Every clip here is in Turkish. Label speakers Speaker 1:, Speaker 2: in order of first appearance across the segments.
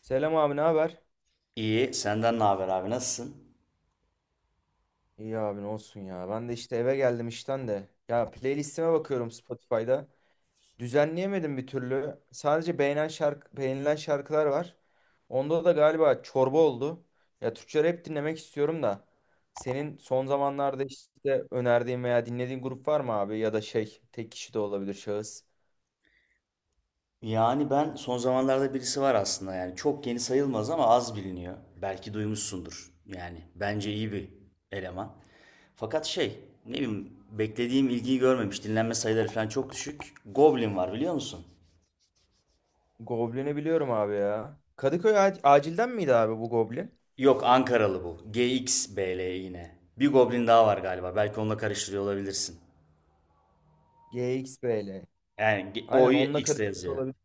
Speaker 1: Selam abi ne haber?
Speaker 2: İyi, senden ne haber abi? Nasılsın?
Speaker 1: İyi abi ne olsun ya. Ben de işte eve geldim işten de. Ya playlistime bakıyorum Spotify'da. Düzenleyemedim bir türlü. Sadece beğenen şarkı, beğenilen şarkılar var. Onda da galiba çorba oldu. Ya Türkçe rap dinlemek istiyorum da. Senin son zamanlarda işte önerdiğin veya dinlediğin grup var mı abi? Ya da şey tek kişi de olabilir şahıs.
Speaker 2: Yani ben son zamanlarda birisi var aslında yani çok yeni sayılmaz ama az biliniyor. Belki duymuşsundur. Yani bence iyi bir eleman. Fakat şey, ne bileyim beklediğim ilgiyi görmemiş. Dinlenme sayıları falan çok düşük. Goblin var biliyor musun?
Speaker 1: Goblin'i biliyorum abi ya. Kadıköy acilden miydi abi bu Goblin?
Speaker 2: Yok Ankaralı bu. G X B GXBL yine. Bir Goblin daha var galiba. Belki onunla karıştırıyor olabilirsin.
Speaker 1: GXBL.
Speaker 2: Yani
Speaker 1: Aynen
Speaker 2: O'yu
Speaker 1: onunla
Speaker 2: X'le
Speaker 1: karıştırıyor
Speaker 2: yazıyor.
Speaker 1: olabilir.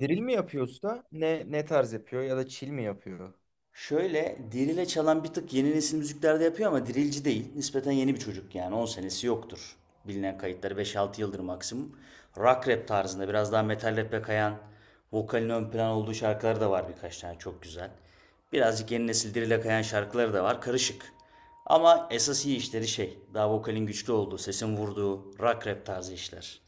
Speaker 1: Drill mi yapıyor usta? Ne tarz yapıyor ya da chill mi yapıyor?
Speaker 2: Şöyle Diril'e çalan bir tık yeni nesil müziklerde yapıyor ama Dirilci değil. Nispeten yeni bir çocuk yani 10 senesi yoktur. Bilinen kayıtları beş altı yıldır maksimum. Rock rap tarzında biraz daha metal rap'e kayan vokalin ön plan olduğu şarkıları da var birkaç tane çok güzel. Birazcık yeni nesil Diril'e kayan şarkıları da var karışık. Ama esas iyi işleri şey daha vokalin güçlü olduğu, sesin vurduğu rock rap tarzı işler.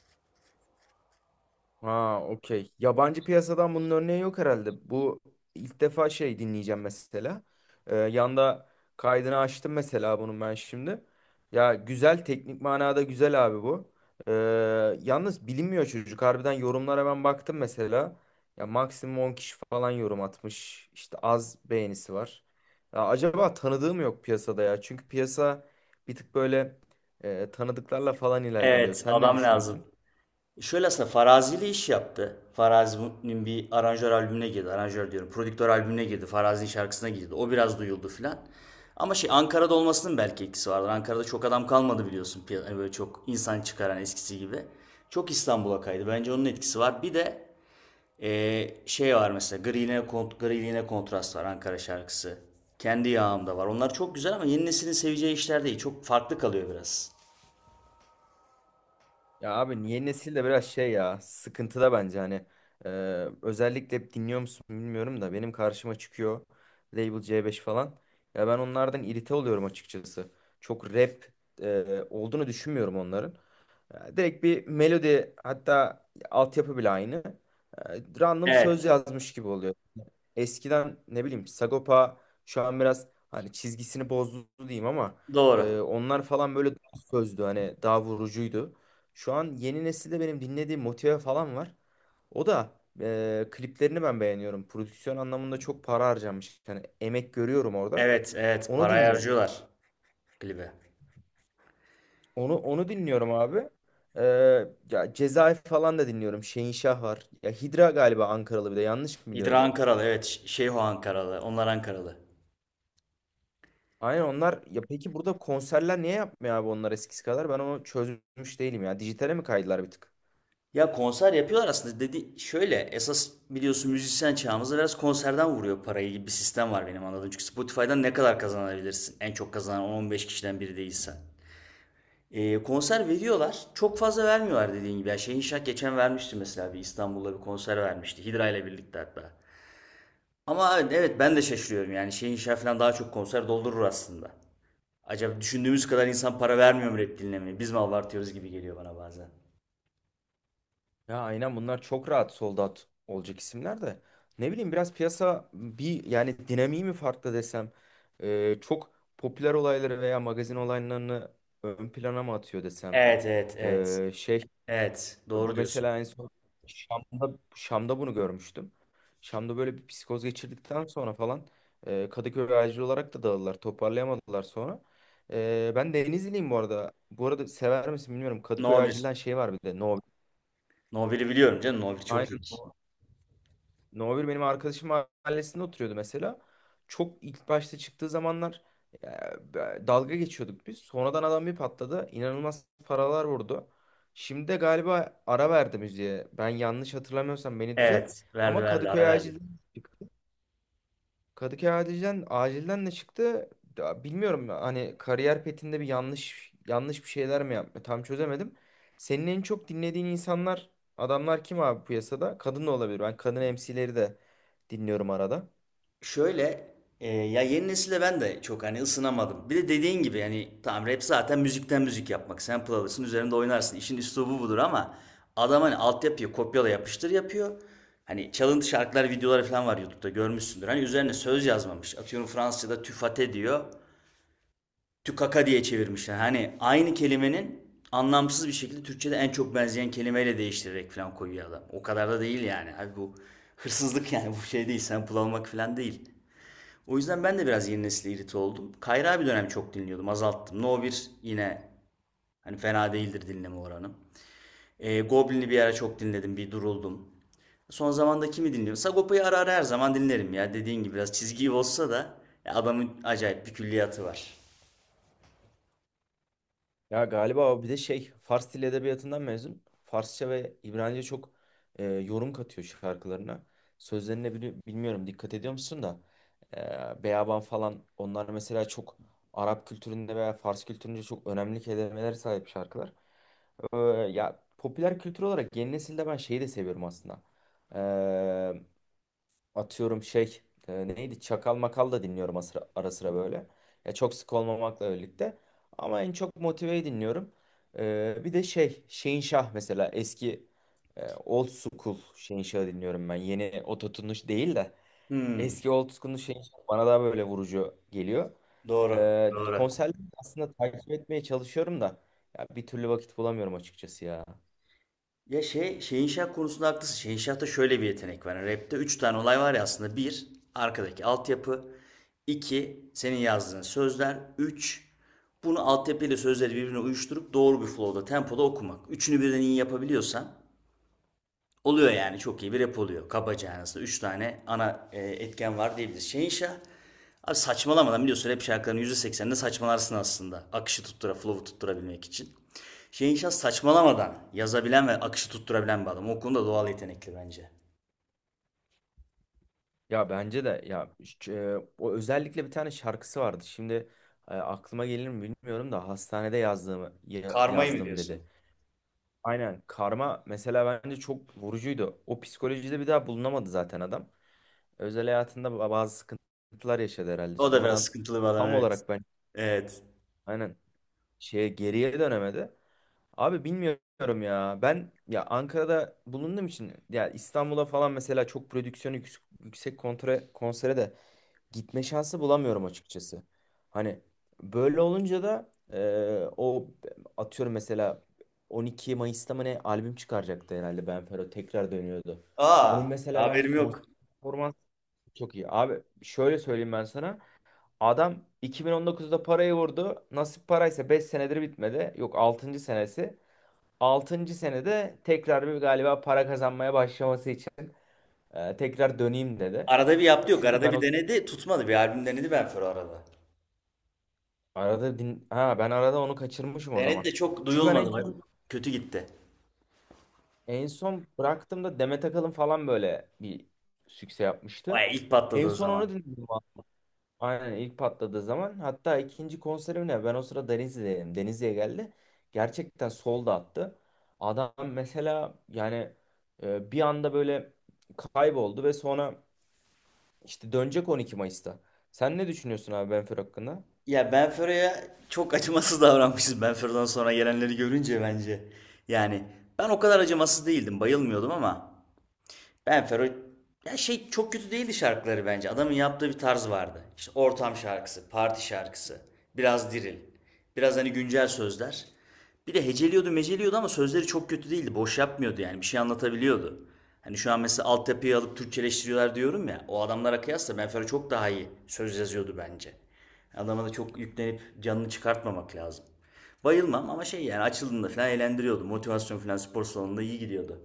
Speaker 1: Ha, okey. Yabancı piyasadan bunun örneği yok herhalde. Bu ilk defa şey dinleyeceğim mesela. Yanda kaydını açtım mesela bunun ben şimdi. Ya güzel, teknik manada güzel abi bu. Ee, Yalnız bilinmiyor çocuk. Harbiden yorumlara ben baktım mesela. Ya maksimum 10 kişi falan yorum atmış. İşte az beğenisi var. Ya acaba tanıdığım yok piyasada ya. Çünkü piyasa bir tık böyle, tanıdıklarla falan ilerliyor.
Speaker 2: Evet
Speaker 1: Sen ne
Speaker 2: adam lazım.
Speaker 1: düşünüyorsun?
Speaker 2: Şöyle aslında Farazi iş yaptı. Farazi'nin bir aranjör albümüne girdi. Aranjör diyorum. Prodüktör albümüne girdi. Farazi'nin şarkısına girdi. O biraz duyuldu filan. Ama şey Ankara'da olmasının belki etkisi vardır. Ankara'da çok adam kalmadı biliyorsun. Hani böyle çok insan çıkaran eskisi gibi. Çok İstanbul'a kaydı. Bence onun etkisi var. Bir de şey var mesela Griliğine, Griliğine Kontrast var Ankara şarkısı. Kendi Yağımda var. Onlar çok güzel ama yeni neslin seveceği işler değil. Çok farklı kalıyor biraz.
Speaker 1: Ya abi yeni nesil de biraz şey ya, sıkıntıda bence hani. Ee, Özellikle hep dinliyor musun bilmiyorum da benim karşıma çıkıyor Label C5 falan. Ya ben onlardan irite oluyorum açıkçası. Çok rap olduğunu düşünmüyorum onların. Ya direkt bir melodi, hatta altyapı bile aynı. E, Random söz
Speaker 2: Evet.
Speaker 1: yazmış gibi oluyor. Eskiden ne bileyim Sagopa şu an biraz hani çizgisini bozdu diyeyim ama
Speaker 2: Doğru.
Speaker 1: onlar falan böyle daha sözdü, hani daha vurucuydu. Şu an yeni nesilde benim dinlediğim Motive falan var. O da kliplerini ben beğeniyorum. Prodüksiyon anlamında çok para harcamış, yani emek görüyorum orada.
Speaker 2: Evet, evet.
Speaker 1: Onu
Speaker 2: Parayı
Speaker 1: dinliyorum.
Speaker 2: harcıyorlar. Klibe.
Speaker 1: Onu dinliyorum abi. E, Ya Cezayir falan da dinliyorum. Şehinşah var. Ya Hidra galiba Ankaralı, bir de yanlış mı
Speaker 2: Hidra
Speaker 1: biliyorum?
Speaker 2: Ankaralı evet. Şeyho Ankaralı. Onlar Ankaralı.
Speaker 1: Aynen onlar ya, peki burada konserler niye yapmıyor abi onlar eskisi kadar? Ben onu çözmüş değilim ya. Dijitale mi kaydılar bir tık?
Speaker 2: Ya konser yapıyorlar aslında. Dedi şöyle esas biliyorsun müzisyen çağımızda biraz konserden vuruyor parayı gibi bir sistem var benim anladığım. Çünkü Spotify'dan ne kadar kazanabilirsin? En çok kazanan 10-15 kişiden biri değilsen. Konser veriyorlar. Çok fazla vermiyorlar dediğin gibi. Yani Şehin Şah geçen vermişti mesela bir İstanbul'da bir konser vermişti. Hidra ile birlikte hatta. Ama evet, evet ben de şaşırıyorum yani Şehin Şah falan daha çok konser doldurur aslında. Acaba düşündüğümüz kadar insan para vermiyor mu rap dinlemeye? Biz mi abartıyoruz gibi geliyor bana bazen.
Speaker 1: Ya aynen bunlar çok rahat sold out olacak isimler de. Ne bileyim biraz piyasa bir yani dinamiği mi farklı desem? Çok popüler olayları veya magazin olaylarını ön plana mı atıyor desem?
Speaker 2: Evet, evet, evet.
Speaker 1: Şey,
Speaker 2: Evet, doğru
Speaker 1: bu
Speaker 2: diyorsun.
Speaker 1: mesela en son Şam'da, Şam'da bunu görmüştüm. Şam'da böyle bir psikoz geçirdikten sonra falan Kadıköy acil olarak da dağıldılar. Toparlayamadılar sonra. Ben Denizliyim bu arada. Bu arada sever misin bilmiyorum. Kadıköy
Speaker 2: No 1.
Speaker 1: acilden şey var bir de. No.
Speaker 2: No 1'i biliyorum canım. No 1 çok
Speaker 1: Aynen.
Speaker 2: iyidir.
Speaker 1: No bir benim arkadaşım mahallesinde oturuyordu mesela. Çok ilk başta çıktığı zamanlar e, dalga geçiyorduk biz. Sonradan adam bir patladı. İnanılmaz paralar vurdu. Şimdi de galiba ara verdi müziğe. Ben yanlış hatırlamıyorsam beni düzelt.
Speaker 2: Evet, verdi
Speaker 1: Ama
Speaker 2: verdi, ara verdi.
Speaker 1: Kadıköy acilden de çıktı. Ya bilmiyorum, hani kariyer petinde bir yanlış yanlış bir şeyler mi yaptı? Tam çözemedim. Senin en çok dinlediğin insanlar, adamlar kim abi piyasada? Kadın da olabilir. Ben kadın MC'leri de dinliyorum arada.
Speaker 2: Şöyle, ya yeni nesile ben de çok hani ısınamadım. Bir de dediğin gibi yani tamam rap zaten müzikten müzik yapmak. Sample alırsın, üzerinde oynarsın. İşin üslubu budur ama adam hani altyapıyı kopyala yapıştır yapıyor. Hani çalıntı şarkılar, videoları falan var YouTube'da görmüşsündür. Hani üzerine söz yazmamış. Atıyorum Fransızca'da tüfate diyor. Tükaka diye çevirmişler. Hani aynı kelimenin anlamsız bir şekilde Türkçe'de en çok benzeyen kelimeyle değiştirerek falan koyuyor adam. O kadar da değil yani. Abi bu hırsızlık yani bu şey değil. Sample almak falan değil. O yüzden ben de biraz yeni nesile irite oldum. Kayra bir dönem çok dinliyordum. Azalttım. No 1 yine hani fena değildir dinleme oranım. Goblin'i bir ara çok dinledim. Bir duruldum. Son zamanda kimi dinliyorum? Sagopa'yı ara ara her zaman dinlerim ya. Dediğin gibi biraz çizgi olsa da adamın acayip bir külliyatı var.
Speaker 1: Ya galiba o bir de şey Fars Dili Edebiyatı'ndan mezun. Farsça ve İbranice çok yorum katıyor şarkılarına. Sözlerine bilmiyorum dikkat ediyor musun da Beyaban falan onlar mesela çok Arap kültüründe veya Fars kültüründe çok önemli kelimelere sahip şarkılar. E, Ya popüler kültür olarak yeni nesilde ben şeyi de seviyorum aslında. E, Atıyorum şey, neydi Çakal Makal da dinliyorum ara sıra, ara sıra böyle. Ya çok sık olmamakla birlikte ama en çok Motive'yi dinliyorum. Bir de şey Şehinşah mesela eski old school Şehinşah'ı dinliyorum ben. Yeni ototunuş değil de
Speaker 2: Hmm.
Speaker 1: eski old school Şehinşah bana daha böyle vurucu geliyor.
Speaker 2: Doğru. Doğru.
Speaker 1: Konserleri aslında takip etmeye çalışıyorum da ya bir türlü vakit bulamıyorum açıkçası ya.
Speaker 2: Ya şey, Şehinşah konusunda haklısın. Şehinşah'ta şöyle bir yetenek var. Yani rapte 3 tane olay var ya aslında. Bir, arkadaki altyapı. 2, senin yazdığın sözler. 3, bunu altyapıyla sözleri birbirine uyuşturup doğru bir flow'da, tempoda okumak. Üçünü birden iyi yapabiliyorsan oluyor yani çok iyi bir rap oluyor. Kabaca yani aslında 3 tane ana etken var diyebiliriz. Şehinşah abi saçmalamadan biliyorsun rap şarkılarının %80'inde saçmalarsın aslında. Flow'u tutturabilmek için. Şehinşah saçmalamadan yazabilen ve akışı tutturabilen bir adam. O konuda doğal yetenekli bence.
Speaker 1: Ya bence de ya, o özellikle bir tane şarkısı vardı. Şimdi aklıma gelir mi bilmiyorum da hastanede yazdığımı
Speaker 2: Karmayı mı
Speaker 1: yazdım
Speaker 2: diyorsun?
Speaker 1: dedi. Aynen karma mesela bence çok vurucuydu. O psikolojide bir daha bulunamadı zaten adam. Özel hayatında bazı sıkıntılar yaşadı herhalde.
Speaker 2: O da biraz
Speaker 1: Sonradan
Speaker 2: sıkıntılı bir adam
Speaker 1: tam
Speaker 2: evet.
Speaker 1: olarak ben
Speaker 2: Evet.
Speaker 1: aynen şeye geriye dönemedi. Abi bilmiyorum ya. Ben ya Ankara'da bulunduğum için ya İstanbul'a falan mesela çok prodüksiyonu yüksek, yüksek konsere de gitme şansı bulamıyorum açıkçası. Hani böyle olunca da o atıyorum mesela 12 Mayıs'ta mı ne albüm çıkaracaktı herhalde Benfero tekrar dönüyordu. Onun
Speaker 2: Aa
Speaker 1: mesela bence
Speaker 2: haberim
Speaker 1: konser
Speaker 2: yok.
Speaker 1: performansı çok iyi. Abi şöyle söyleyeyim ben sana. Adam 2019'da parayı vurdu. Nasip paraysa 5 senedir bitmedi. Yok altıncı senesi. Altıncı senede tekrar bir galiba para kazanmaya başlaması için tekrar döneyim dedi.
Speaker 2: Arada bir yaptı yok.
Speaker 1: Çünkü
Speaker 2: Arada
Speaker 1: ben
Speaker 2: bir
Speaker 1: o
Speaker 2: denedi tutmadı. Bir albüm denedi Benfero arada.
Speaker 1: Arada din ha, ben arada onu kaçırmışım o
Speaker 2: Denedi
Speaker 1: zaman.
Speaker 2: de çok
Speaker 1: Çünkü ben en
Speaker 2: duyulmadı. Bak,
Speaker 1: son,
Speaker 2: kötü gitti.
Speaker 1: en son bıraktığımda Demet Akalın falan böyle bir sükse yapmıştı.
Speaker 2: Vay ilk
Speaker 1: En
Speaker 2: patladığı
Speaker 1: son onu
Speaker 2: zaman.
Speaker 1: dinledim, abi. Aynen ilk patladığı zaman. Hatta ikinci konserim ne? Ben o sıra Denizli'deydim. Denizli'ye geldi. Gerçekten sol da attı. Adam mesela yani bir anda böyle kayboldu ve sonra işte dönecek 12 Mayıs'ta. Sen ne düşünüyorsun abi Benfir hakkında?
Speaker 2: Ya Benfero'ya çok acımasız davranmışız Benfero'dan sonra gelenleri görünce bence. Yani ben o kadar acımasız değildim, bayılmıyordum ama. Ben Fero ya şey çok kötü değildi şarkıları bence. Adamın yaptığı bir tarz vardı. İşte ortam şarkısı, parti şarkısı, biraz diril, biraz hani güncel sözler. Bir de heceliyordu, meceliyordu ama sözleri çok kötü değildi. Boş yapmıyordu yani. Bir şey anlatabiliyordu. Hani şu an mesela altyapıyı alıp Türkçeleştiriyorlar diyorum ya. O adamlara kıyasla Ben Fero çok daha iyi söz yazıyordu bence. Adama da çok yüklenip canını çıkartmamak lazım. Bayılmam ama şey yani açıldığında falan eğlendiriyordu. Motivasyon falan spor salonunda iyi gidiyordu.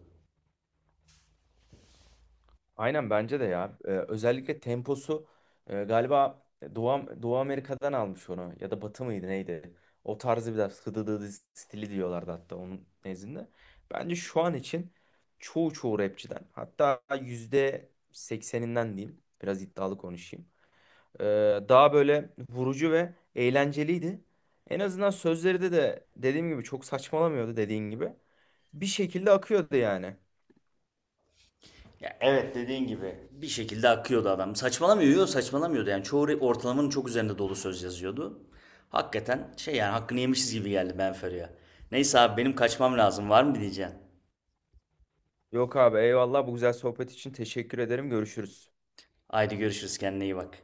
Speaker 1: Aynen bence de ya. Özellikle temposu galiba Doğu Amerika'dan almış onu. Ya da Batı mıydı neydi? O tarzı biraz hıdıdıdı stili diyorlardı hatta onun nezdinde. Bence şu an için çoğu rapçiden hatta %80'inden diyeyim. Biraz iddialı konuşayım. Ee, Daha böyle vurucu ve eğlenceliydi. En azından sözleri de dediğim gibi çok saçmalamıyordu dediğin gibi. Bir şekilde akıyordu yani.
Speaker 2: Ya, evet dediğin gibi, bir şekilde akıyordu adam. Saçmalamıyor, yok saçmalamıyordu. Yani çoğu ortalamanın çok üzerinde dolu söz yazıyordu. Hakikaten şey yani hakkını yemişiz gibi geldi Ben Ferio'ya. Neyse abi benim kaçmam lazım. Var mı bir diyeceğin?
Speaker 1: Yok abi eyvallah bu güzel sohbet için teşekkür ederim. Görüşürüz.
Speaker 2: Haydi görüşürüz kendine iyi bak.